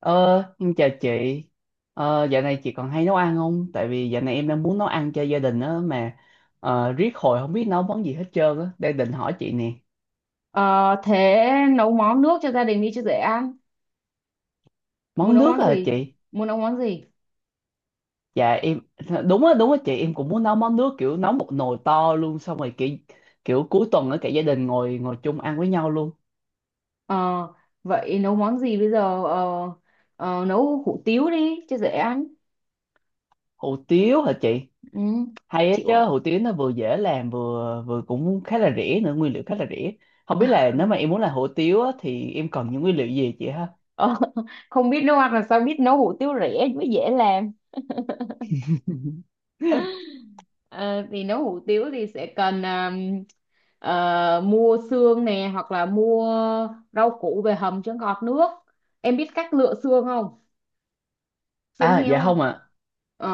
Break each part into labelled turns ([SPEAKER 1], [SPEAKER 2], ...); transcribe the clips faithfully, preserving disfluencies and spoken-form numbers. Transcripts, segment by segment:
[SPEAKER 1] Ờ, em chào chị. Ờ, dạo này chị còn hay nấu ăn không? Tại vì dạo này em đang muốn nấu ăn cho gia đình á mà ờ, riết hồi không biết nấu món gì hết trơn á. Đang định hỏi chị nè.
[SPEAKER 2] Ờ, thế nấu món nước cho gia đình đi cho dễ ăn. Muốn
[SPEAKER 1] Món
[SPEAKER 2] nấu
[SPEAKER 1] nước
[SPEAKER 2] món
[SPEAKER 1] à
[SPEAKER 2] gì?
[SPEAKER 1] chị?
[SPEAKER 2] Muốn nấu món gì?
[SPEAKER 1] Dạ em đúng á đúng á chị, em cũng muốn nấu món nước, kiểu nấu một nồi to luôn, xong rồi kiểu kiểu cuối tuần ở cả gia đình ngồi ngồi chung ăn với nhau luôn.
[SPEAKER 2] Ờ, vậy nấu món gì bây giờ? Ờ, ờ, nấu hủ tiếu đi cho dễ ăn.
[SPEAKER 1] Hủ tiếu hả chị?
[SPEAKER 2] Ừ,
[SPEAKER 1] Hay á
[SPEAKER 2] chịu.
[SPEAKER 1] chứ,
[SPEAKER 2] À?
[SPEAKER 1] hủ tiếu nó vừa dễ làm vừa vừa cũng khá là rẻ nữa, nguyên liệu khá là rẻ. Không biết là nếu mà em muốn làm hủ tiếu á, thì em cần những nguyên liệu gì chị ha?
[SPEAKER 2] Ờ, không biết nấu ăn làm sao biết nấu hủ tiếu rẻ mới dễ làm. Ờ, thì nấu hủ tiếu thì sẽ cần à, ờ, mua xương nè, hoặc là mua rau củ về hầm cho ngọt nước. Em biết cách lựa xương không? Xương
[SPEAKER 1] À
[SPEAKER 2] heo.
[SPEAKER 1] dạ không
[SPEAKER 2] Không?
[SPEAKER 1] ạ.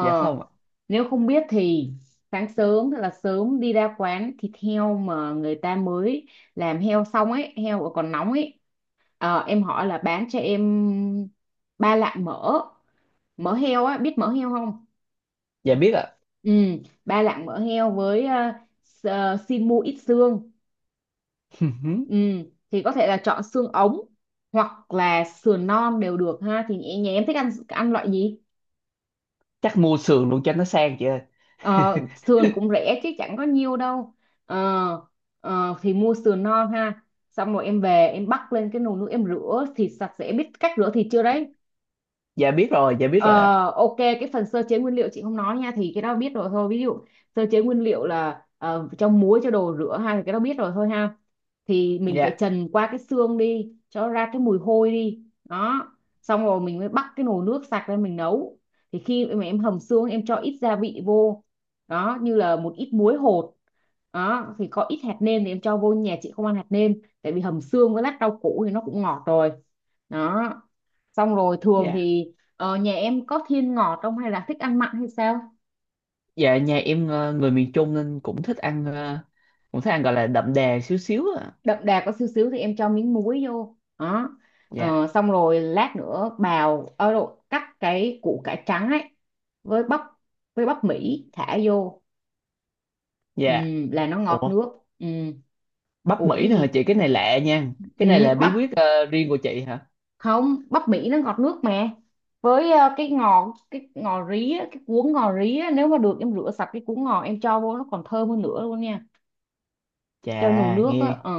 [SPEAKER 1] Dạ không ạ.
[SPEAKER 2] nếu không biết thì sáng sớm thật là sớm đi ra quán thịt heo mà người ta mới làm heo xong ấy, heo mà còn nóng ấy. Ờ, em hỏi là bán cho em ba lạng mỡ, mỡ heo á, biết mỡ heo không?
[SPEAKER 1] Dạ biết ạ.
[SPEAKER 2] Ừ, ba lạng mỡ heo với ờ, s- ờ, xin mua ít xương. Ừ, thì có thể là chọn xương ống hoặc là sườn non đều được ha. Thì nhà nhà em thích ăn ăn loại gì?
[SPEAKER 1] Chắc mua sườn luôn cho nó sang chị ơi.
[SPEAKER 2] Ờ, sườn cũng rẻ chứ chẳng có nhiêu đâu. Ờ, ờ, thì mua sườn non ha, xong rồi em về em bắc lên cái nồi nước, em rửa thịt sạch sẽ, biết cách rửa thịt chưa đấy?
[SPEAKER 1] Dạ biết rồi dạ biết
[SPEAKER 2] Ờ,
[SPEAKER 1] rồi ạ.
[SPEAKER 2] ok, cái phần sơ chế nguyên liệu chị không nói nha, thì cái đó biết rồi thôi, ví dụ sơ chế nguyên liệu là ờ, cho muối, cho đồ rửa hay cái đó biết rồi thôi ha. Thì mình phải
[SPEAKER 1] Dạ
[SPEAKER 2] trần qua cái xương đi cho nó ra cái mùi hôi đi đó, xong rồi mình mới bắt cái nồi nước sạch lên mình nấu. Thì khi mà em hầm xương, em cho ít gia vị vô đó như là một ít muối hột đó, thì có ít hạt nêm thì em cho vô, nhà chị không ăn hạt nêm, tại vì hầm xương với lát rau củ thì nó cũng ngọt rồi đó. Xong rồi thường
[SPEAKER 1] dạ.
[SPEAKER 2] thì ờ, nhà em có thiên ngọt không hay là thích ăn mặn hay sao?
[SPEAKER 1] Dạ nhà em ờ, người miền Trung nên cũng thích ăn ờ, cũng thích ăn, gọi là đậm đà xíu xíu ạ.
[SPEAKER 2] Đậm đà có xíu xíu thì em cho miếng muối vô. Đó.
[SPEAKER 1] Dạ
[SPEAKER 2] Ờ, xong rồi lát nữa bào ở độ cắt cái củ cải trắng ấy, với bắp với bắp Mỹ thả vô. Ừ,
[SPEAKER 1] dạ.
[SPEAKER 2] là nó ngọt
[SPEAKER 1] Ủa
[SPEAKER 2] nước. Ừ,
[SPEAKER 1] bắp
[SPEAKER 2] ủa
[SPEAKER 1] Mỹ
[SPEAKER 2] cái
[SPEAKER 1] nữa hả
[SPEAKER 2] gì?
[SPEAKER 1] chị, cái này lạ nha. Cái
[SPEAKER 2] Ừ,
[SPEAKER 1] này là
[SPEAKER 2] bắp.
[SPEAKER 1] bí quyết ờ, riêng của chị hả?
[SPEAKER 2] Không, bắp Mỹ nó ngọt nước mà. Với ờ, cái ngò cái ngò rí á, cái cuốn ngò rí á, nếu mà được em rửa sạch cái cuốn ngò em cho vô nó còn thơm hơn nữa luôn nha.
[SPEAKER 1] Chà,
[SPEAKER 2] Cho nồi nước
[SPEAKER 1] nghe
[SPEAKER 2] á, ờ,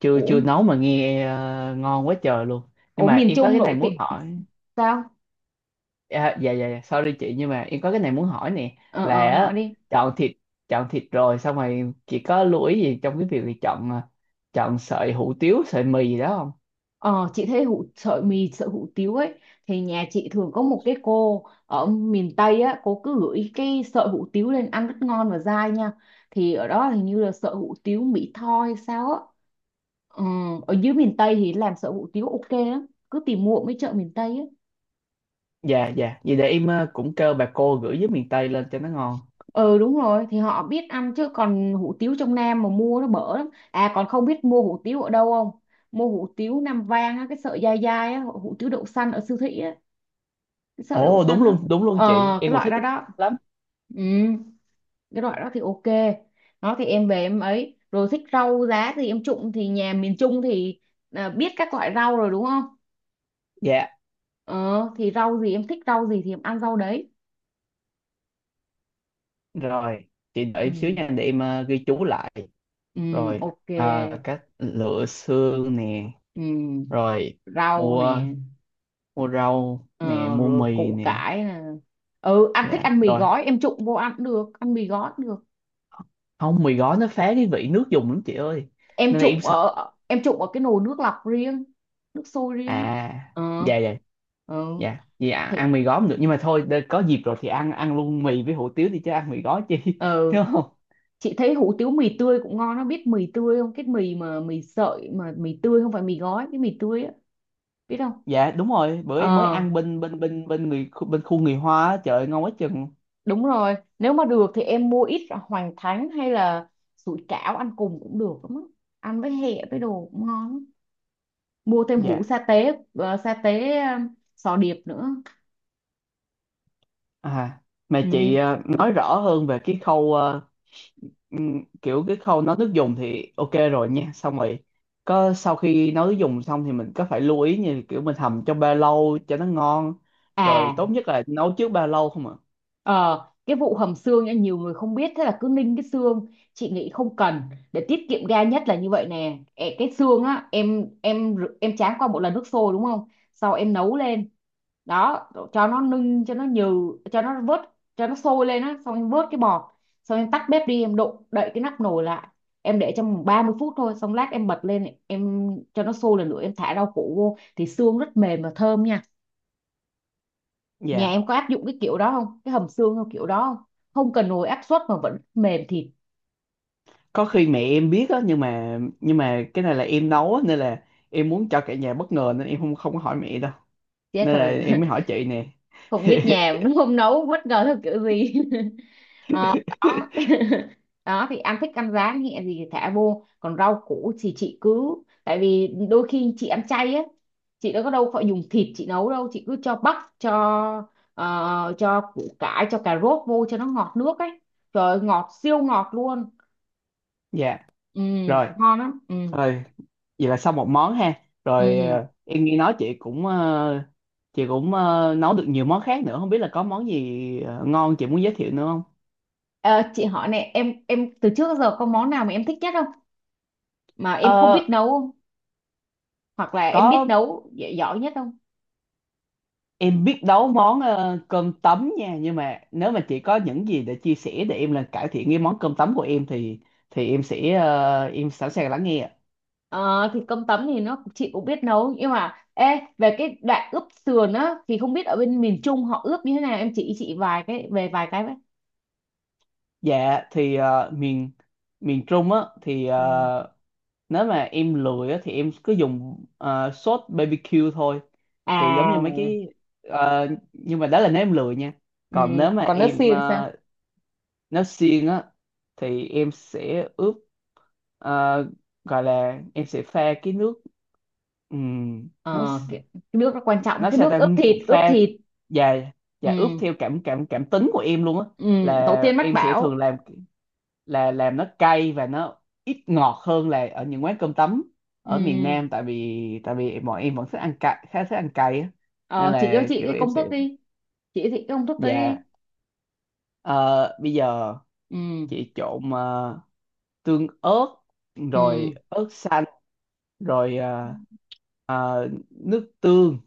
[SPEAKER 1] chưa
[SPEAKER 2] ủa.
[SPEAKER 1] chưa nấu mà nghe ờ, ngon quá trời luôn. Nhưng
[SPEAKER 2] Ủa,
[SPEAKER 1] mà
[SPEAKER 2] miền
[SPEAKER 1] em có
[SPEAKER 2] Trung
[SPEAKER 1] cái này
[SPEAKER 2] nổi
[SPEAKER 1] muốn
[SPEAKER 2] tiếng
[SPEAKER 1] hỏi.
[SPEAKER 2] sao?
[SPEAKER 1] À, dạ dạ dạ, sorry chị, nhưng mà em có cái này muốn hỏi nè,
[SPEAKER 2] Ờ,
[SPEAKER 1] là
[SPEAKER 2] ờ, nói
[SPEAKER 1] á,
[SPEAKER 2] đi.
[SPEAKER 1] chọn thịt chọn thịt rồi, xong rồi chị có lưu ý gì trong cái việc là chọn à, chọn sợi hủ tiếu, sợi mì gì đó không?
[SPEAKER 2] Ờ, chị thấy hủ sợi mì sợi hủ tiếu ấy, thì nhà chị thường có một cái cô ở miền Tây á, cô cứ gửi cái sợi hủ tiếu lên, ăn rất ngon và dai nha. Thì ở đó hình như là sợi hủ tiếu Mỹ Tho hay sao á. Ừ, ở dưới miền Tây thì làm sợi hủ tiếu ok lắm, cứ tìm mua ở mấy chợ miền Tây á.
[SPEAKER 1] Dạ dạ, vậy để em à, cũng kêu bà cô gửi với miền Tây lên cho nó ngon.
[SPEAKER 2] Ừ, đúng rồi, thì họ biết ăn chứ còn hủ tiếu trong Nam mà mua nó bở lắm à. Còn không biết mua hủ tiếu ở đâu không? Mua hủ tiếu Nam Vang á, cái sợi dai dai á, hủ tiếu đậu xanh ở siêu thị á, sợ đậu
[SPEAKER 1] Ồ đúng
[SPEAKER 2] xanh á.
[SPEAKER 1] luôn đúng luôn
[SPEAKER 2] Ờ,
[SPEAKER 1] chị,
[SPEAKER 2] cái
[SPEAKER 1] em cũng
[SPEAKER 2] loại
[SPEAKER 1] thích
[SPEAKER 2] đó
[SPEAKER 1] cái
[SPEAKER 2] đó.
[SPEAKER 1] lắm.
[SPEAKER 2] Ừ, cái loại đó thì ok. Nó thì em về em ấy rồi, thích rau giá thì em trụng, thì nhà miền Trung thì à, biết các loại rau rồi đúng không.
[SPEAKER 1] Dạ
[SPEAKER 2] Ờ, thì rau gì em thích, rau gì thì em ăn rau đấy.
[SPEAKER 1] rồi, chị đợi
[SPEAKER 2] Ừ.
[SPEAKER 1] em xíu nha, để em à, ghi chú lại.
[SPEAKER 2] Ừ.
[SPEAKER 1] Rồi
[SPEAKER 2] Ok.
[SPEAKER 1] à, cách lựa xương nè,
[SPEAKER 2] Ừ.
[SPEAKER 1] rồi
[SPEAKER 2] Rau nè.
[SPEAKER 1] mua mua rau
[SPEAKER 2] Ờ,
[SPEAKER 1] nè, mua
[SPEAKER 2] rồi
[SPEAKER 1] mì
[SPEAKER 2] củ
[SPEAKER 1] nè.
[SPEAKER 2] cải nè. Ừ, ăn thích
[SPEAKER 1] Dạ
[SPEAKER 2] ăn mì
[SPEAKER 1] rồi,
[SPEAKER 2] gói em trụng vô ăn cũng được, ăn mì gói cũng được.
[SPEAKER 1] không mì gói nó phá cái vị nước dùng lắm chị ơi,
[SPEAKER 2] em
[SPEAKER 1] nên là em
[SPEAKER 2] trụng
[SPEAKER 1] sợ.
[SPEAKER 2] ở em trụng ở cái nồi nước lọc riêng, nước sôi riêng.
[SPEAKER 1] À
[SPEAKER 2] Ờ.
[SPEAKER 1] dạ dạ
[SPEAKER 2] Ừ.
[SPEAKER 1] dạ, vì ăn
[SPEAKER 2] Thì,
[SPEAKER 1] ăn mì gói không được, nhưng mà thôi, để- có dịp rồi thì ăn ăn luôn mì với hủ tiếu đi chứ ăn mì gói chi
[SPEAKER 2] ờ,
[SPEAKER 1] đúng không?
[SPEAKER 2] chị thấy hủ tiếu mì tươi cũng ngon, nó biết mì tươi không, cái mì mà mì sợi mà mì tươi không phải mì gói, cái mì tươi á, biết không?
[SPEAKER 1] Dạ đúng rồi, bữa
[SPEAKER 2] Ờ,
[SPEAKER 1] em mới ăn bên bên bên bên người bên khu người Hoa á, trời ơi, ngon quá chừng.
[SPEAKER 2] đúng rồi, nếu mà được thì em mua ít hoành thánh hay là sủi cảo ăn cùng cũng được lắm á, ăn với hẹ với đồ cũng ngon lắm. Mua thêm hũ
[SPEAKER 1] Dạ.
[SPEAKER 2] sa tế, ờ, sa tế, ờ, sò điệp nữa.
[SPEAKER 1] À mà chị
[SPEAKER 2] Ừ.
[SPEAKER 1] ờ, nói rõ hơn về cái khâu ờ, Ừm, kiểu cái khâu nấu nước dùng thì ok rồi nha. Xong rồi có sau khi nấu nước dùng xong thì mình có phải lưu ý, như kiểu mình hầm trong ba lâu cho nó ngon, rồi
[SPEAKER 2] À.
[SPEAKER 1] tốt nhất là nấu trước ba lâu không ạ?
[SPEAKER 2] Ờ, cái vụ hầm xương nha, nhiều người không biết thế là cứ ninh cái xương, chị nghĩ không cần, để tiết kiệm ga nhất là như vậy nè. Ẹ, cái xương á, em em rửa- em tráng qua một lần nước sôi đúng không, sau em nấu lên đó cho nó ninh cho nó nhừ, cho nó vớt, cho nó sôi lên á, xong em vớt cái bọt, xong em tắt bếp đi, em đụng đậy cái nắp nồi lại, em để trong ba mươi phút thôi, xong lát em bật lên em cho nó sôi lần nữa em thả rau củ vô thì xương rất mềm và thơm nha. Nhà
[SPEAKER 1] Dạ
[SPEAKER 2] em có áp dụng cái kiểu đó không? Cái hầm xương theo kiểu đó không? Không cần nồi áp suất mà vẫn mềm thịt.
[SPEAKER 1] có khi mẹ em biết á, nhưng mà nhưng mà cái này là em nấu á, nên là em muốn cho cả nhà bất ngờ, nên em không không có hỏi mẹ đâu,
[SPEAKER 2] Chết
[SPEAKER 1] nên là
[SPEAKER 2] rồi.
[SPEAKER 1] em mới hỏi chị nè.
[SPEAKER 2] Không biết nhà nó không nấu bất ngờ theo kiểu gì. Ờ, đó. Đó thì ăn thích ăn rán nhẹ gì thì thả vô. Còn rau củ thì chị cứ, tại vì đôi khi chị ăn chay á, chị đâu có, đâu phải dùng thịt chị nấu đâu, chị cứ cho bắp, cho ờ, cho củ cải, cho cà rốt vô cho nó ngọt nước ấy. Trời ơi, ngọt siêu ngọt luôn.
[SPEAKER 1] Dạ
[SPEAKER 2] Ừ,
[SPEAKER 1] rồi,
[SPEAKER 2] ngon lắm. Ừ.
[SPEAKER 1] rồi vậy là xong một món ha. Rồi
[SPEAKER 2] Ừ.
[SPEAKER 1] ờ, em nghe nói chị cũng ờ, chị cũng ờ, nấu được nhiều món khác nữa, không biết là có món gì ờ, ngon chị muốn giới thiệu nữa không?
[SPEAKER 2] Ờ, chị hỏi này, em em từ trước đến giờ có món nào mà em thích nhất không mà
[SPEAKER 1] Ờ
[SPEAKER 2] em không biết nấu không, hoặc là em biết
[SPEAKER 1] có,
[SPEAKER 2] nấu gi- giỏi nhất không?
[SPEAKER 1] em biết nấu món ờ, cơm tấm nha, nhưng mà nếu mà chị có những gì để chia sẻ để em là cải thiện cái món cơm tấm của em thì thì em sẽ ờ, em sẵn sàng lắng nghe ạ.
[SPEAKER 2] Ờ, thì cơm tấm thì nó chị cũng biết nấu nhưng mà ê, về cái đoạn ướp sườn á thì không biết ở bên miền Trung họ ướp như thế nào, em chỉ chị vài cái về vài cái với.
[SPEAKER 1] Dạ thì ờ, miền miền Trung á thì
[SPEAKER 2] Ừ.
[SPEAKER 1] ờ, nếu mà em lười á, thì em cứ dùng ờ, sốt bê bê kiu thôi, thì giống như mấy
[SPEAKER 2] À.
[SPEAKER 1] cái ờ, nhưng mà đó là nếu em lười nha,
[SPEAKER 2] Ừ,
[SPEAKER 1] còn nếu mà
[SPEAKER 2] còn nước
[SPEAKER 1] em
[SPEAKER 2] xiên sao?
[SPEAKER 1] ờ, nếu siêng á thì em sẽ ướp, ờ, gọi là em sẽ pha cái nước, ừm, nó
[SPEAKER 2] Ờ, cái, cái nước nó quan trọng,
[SPEAKER 1] nó
[SPEAKER 2] cái
[SPEAKER 1] sao
[SPEAKER 2] nước
[SPEAKER 1] ta,
[SPEAKER 2] ướp thịt ướp
[SPEAKER 1] pha
[SPEAKER 2] thịt
[SPEAKER 1] và và ướp
[SPEAKER 2] Ừ.
[SPEAKER 1] theo cảm cảm cảm tính của em luôn á,
[SPEAKER 2] Ừ. Tổ
[SPEAKER 1] là
[SPEAKER 2] tiên mách
[SPEAKER 1] em sẽ thường
[SPEAKER 2] bảo.
[SPEAKER 1] làm, là làm nó cay và nó ít ngọt hơn là ở những quán cơm tấm
[SPEAKER 2] Ừ.
[SPEAKER 1] ở miền Nam, tại vì tại vì bọn em vẫn thích ăn cay, khá thích ăn cay á, nên
[SPEAKER 2] Ờ, chị
[SPEAKER 1] là
[SPEAKER 2] cho chị
[SPEAKER 1] kiểu
[SPEAKER 2] cái
[SPEAKER 1] em
[SPEAKER 2] công
[SPEAKER 1] sẽ.
[SPEAKER 2] thức đi. Chị cho chị cái công thức đấy đi.
[SPEAKER 1] Dạ ờ, bây giờ
[SPEAKER 2] Ừ.
[SPEAKER 1] chị trộn ờ, tương ớt, rồi ớt xanh, rồi ờ,
[SPEAKER 2] Ừ.
[SPEAKER 1] ờ, nước tương,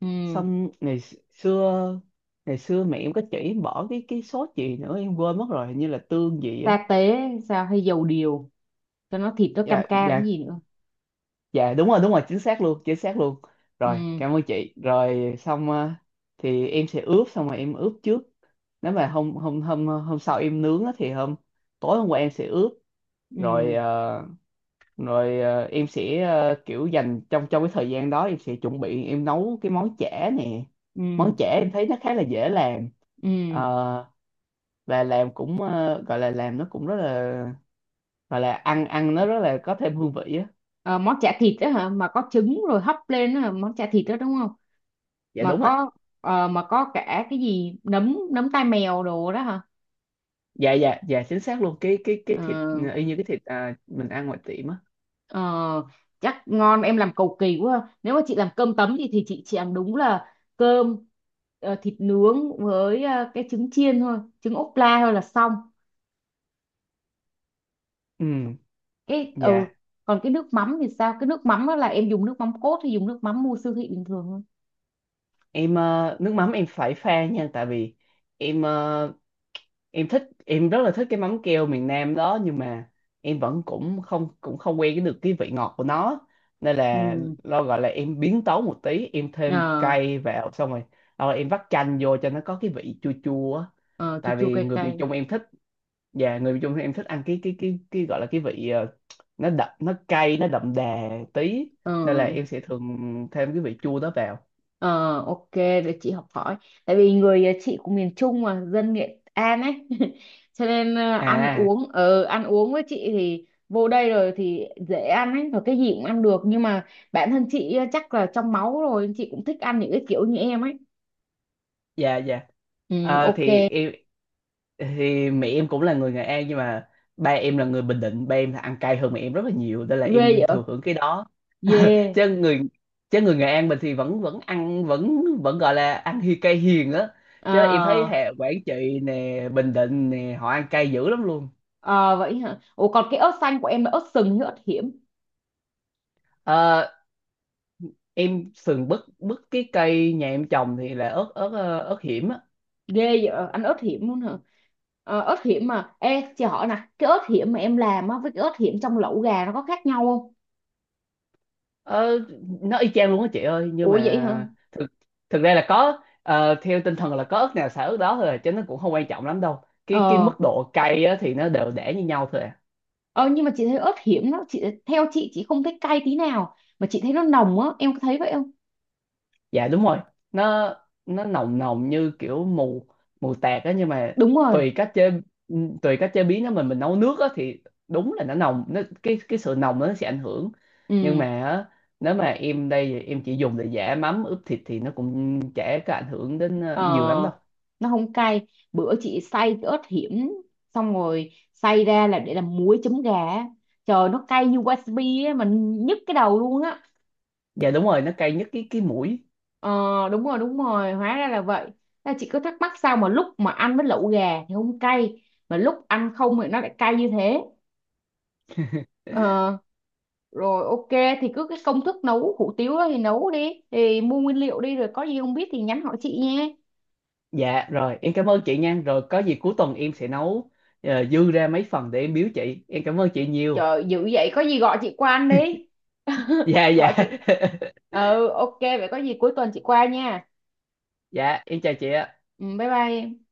[SPEAKER 2] Ừ.
[SPEAKER 1] xong ngày xưa ngày xưa mẹ em có chỉ em bỏ cái cái sốt gì nữa em quên mất rồi, hình như là tương gì á.
[SPEAKER 2] Sa tế sao, hay dầu điều, cho nó thịt nó cam
[SPEAKER 1] Dạ
[SPEAKER 2] cam cái
[SPEAKER 1] dạ
[SPEAKER 2] gì nữa.
[SPEAKER 1] dạ đúng rồi đúng rồi, chính xác luôn chính xác luôn. Rồi
[SPEAKER 2] Ừ.
[SPEAKER 1] cảm ơn chị, rồi xong ờ, thì em sẽ ướp, xong rồi em ướp trước. Nếu mà hôm hôm hôm hôm sau em nướng á, thì hôm tối hôm qua em sẽ ướp, rồi
[SPEAKER 2] Ừ.
[SPEAKER 1] ờ, rồi ờ, em sẽ ờ, kiểu dành trong trong cái thời gian đó em sẽ chuẩn bị, em nấu cái món chả nè. Món
[SPEAKER 2] Ừ.
[SPEAKER 1] chả em thấy nó khá là dễ làm.
[SPEAKER 2] Ừ.
[SPEAKER 1] Ờ, và làm cũng ờ, gọi là làm nó cũng rất là, gọi là ăn ăn nó rất là có thêm hương vị á.
[SPEAKER 2] Ờ, món chả thịt đó hả, mà có trứng rồi hấp lên đó hả? Món chả thịt đó đúng không?
[SPEAKER 1] Dạ
[SPEAKER 2] Mà
[SPEAKER 1] đúng rồi,
[SPEAKER 2] có ờ, mà có cả cái gì nấm nấm tai mèo đồ đó hả?
[SPEAKER 1] dạ dạ dạ chính xác luôn. Cái cái cái
[SPEAKER 2] Ờ.
[SPEAKER 1] thịt ờ, y như cái thịt à, mình ăn ngoài tiệm á.
[SPEAKER 2] Ờ, chắc ngon, em làm cầu kỳ quá, nếu mà chị làm cơm tấm thì thì chị chỉ làm đúng là cơm, ờ, thịt nướng với ờ, cái trứng chiên thôi, trứng ốp la thôi là xong.
[SPEAKER 1] Ừ.
[SPEAKER 2] Cái ừ.
[SPEAKER 1] Dạ
[SPEAKER 2] Còn cái nước mắm thì sao, cái nước mắm đó là em dùng nước mắm cốt hay dùng nước mắm mua siêu thị bình thường thôi?
[SPEAKER 1] em ờ, nước mắm em phải pha nha, tại vì em ờ, em thích, em rất là thích cái mắm keo miền Nam đó, nhưng mà em vẫn cũng không cũng không quen cái được cái vị ngọt của nó, nên là
[SPEAKER 2] Ừ.
[SPEAKER 1] lo gọi là em biến tấu một tí, em thêm
[SPEAKER 2] Ờ.
[SPEAKER 1] cay vào, xong rồi rồi em vắt chanh vô cho nó có cái vị chua chua á.
[SPEAKER 2] Ờ, chua
[SPEAKER 1] Tại
[SPEAKER 2] chua
[SPEAKER 1] vì
[SPEAKER 2] cay
[SPEAKER 1] người miền
[SPEAKER 2] cay.
[SPEAKER 1] Trung em thích, dạ người miền Trung thì em thích ăn cái cái cái cái gọi là cái vị ờ, nó đậm nó cay nó đậm đà tí,
[SPEAKER 2] Ờ.
[SPEAKER 1] nên là em sẽ thường thêm cái vị chua đó vào.
[SPEAKER 2] Ờ, ok để chị học hỏi, tại vì người ờ, chị của miền Trung mà dân Nghệ An ấy. Cho nên ờ, ăn
[SPEAKER 1] À
[SPEAKER 2] uống ờ ăn uống với chị thì vô đây rồi thì dễ ăn ấy và cái gì cũng ăn được, nhưng mà bản thân chị ờ, chắc là trong máu rồi chị cũng thích ăn những cái kiểu như em ấy.
[SPEAKER 1] dạ dạ.
[SPEAKER 2] Ừ,
[SPEAKER 1] Ờ,
[SPEAKER 2] ok
[SPEAKER 1] thì
[SPEAKER 2] ghê.
[SPEAKER 1] em, thì mẹ em cũng là người Nghệ An, nhưng mà ba em là người Bình Định, ba em là ăn cay hơn mẹ em rất là nhiều, nên là
[SPEAKER 2] Vậy.
[SPEAKER 1] em thừa hưởng cái đó.
[SPEAKER 2] Dê yeah.
[SPEAKER 1] chứ người chứ người Nghệ An mình thì vẫn vẫn ăn vẫn vẫn gọi là ăn hi cay hiền á,
[SPEAKER 2] Ờ.
[SPEAKER 1] chứ em thấy hệ Quảng Trị nè, Bình Định nè họ ăn cay dữ lắm luôn.
[SPEAKER 2] Ờ vậy hả? Ủa còn cái ớt xanh của em là ớt sừng hay ớt hiểm?
[SPEAKER 1] Ờ, em sườn bứt bứt cái cây nhà em trồng thì là ớt ớt ờ, ớt hiểm á.
[SPEAKER 2] Ghê vậy, ờ, ăn ớt hiểm luôn hả? Ờ, ớt hiểm mà. Ê, chị hỏi nè, cái ớt hiểm mà em làm á với cái ớt hiểm trong lẩu gà nó có khác nhau không?
[SPEAKER 1] Ờ, nó y chang luôn á chị ơi, nhưng
[SPEAKER 2] Ủa vậy hả?
[SPEAKER 1] mà thực thực ra là có ờ, theo tinh thần là có ớt nào xả ớt đó thôi à, chứ nó cũng không quan trọng lắm đâu. Cái cái
[SPEAKER 2] Ờ,
[SPEAKER 1] mức độ cay á thì nó đều để như nhau thôi à.
[SPEAKER 2] ờ nhưng mà chị thấy ớt hiểm nó, chị theo chị chị không thấy cay tí nào mà chị thấy nó nồng á, em có thấy vậy không?
[SPEAKER 1] Dạ đúng rồi, nó nó nồng nồng như kiểu mù mù tạt á, nhưng mà
[SPEAKER 2] Đúng rồi.
[SPEAKER 1] tùy cách chế tùy cách chế biến nó, mình mình nấu nước á thì đúng là nó nồng, nó cái cái sự nồng nó sẽ ảnh hưởng. Nhưng
[SPEAKER 2] Ừ,
[SPEAKER 1] mà á, nếu mà em đây thì em chỉ dùng để giả mắm ướp thịt thì nó cũng chả có ảnh hưởng đến
[SPEAKER 2] ờ,
[SPEAKER 1] ờ, nhiều lắm đâu.
[SPEAKER 2] nó không cay. Bữa chị xay cái ớt hiểm xong rồi xay ra là để làm muối chấm gà á. Trời, nó cay như wasabi á mà nhức cái đầu luôn á.
[SPEAKER 1] Dạ đúng rồi, nó cay nhất cái cái mũi.
[SPEAKER 2] Ờ, đúng rồi, đúng rồi, hóa ra là vậy. Ta chỉ cứ thắc mắc sao mà lúc mà ăn với lẩu gà thì không cay mà lúc ăn không thì nó lại cay như thế. Ờ, rồi ok, thì cứ cái công thức nấu hủ tiếu đó thì nấu đi, thì mua nguyên liệu đi, rồi có gì không biết thì nhắn hỏi chị nha.
[SPEAKER 1] Dạ rồi em cảm ơn chị nha, rồi có gì cuối tuần em sẽ nấu, ờ, dư ra mấy phần để em biếu chị, em cảm ơn chị nhiều.
[SPEAKER 2] Trời, dữ vậy, có gì gọi chị qua ăn đi.
[SPEAKER 1] Dạ
[SPEAKER 2] Gọi
[SPEAKER 1] dạ.
[SPEAKER 2] chị. Ừ, ok vậy có gì cuối tuần chị qua nha.
[SPEAKER 1] Dạ em chào chị ạ.
[SPEAKER 2] Ừ, bye bye em.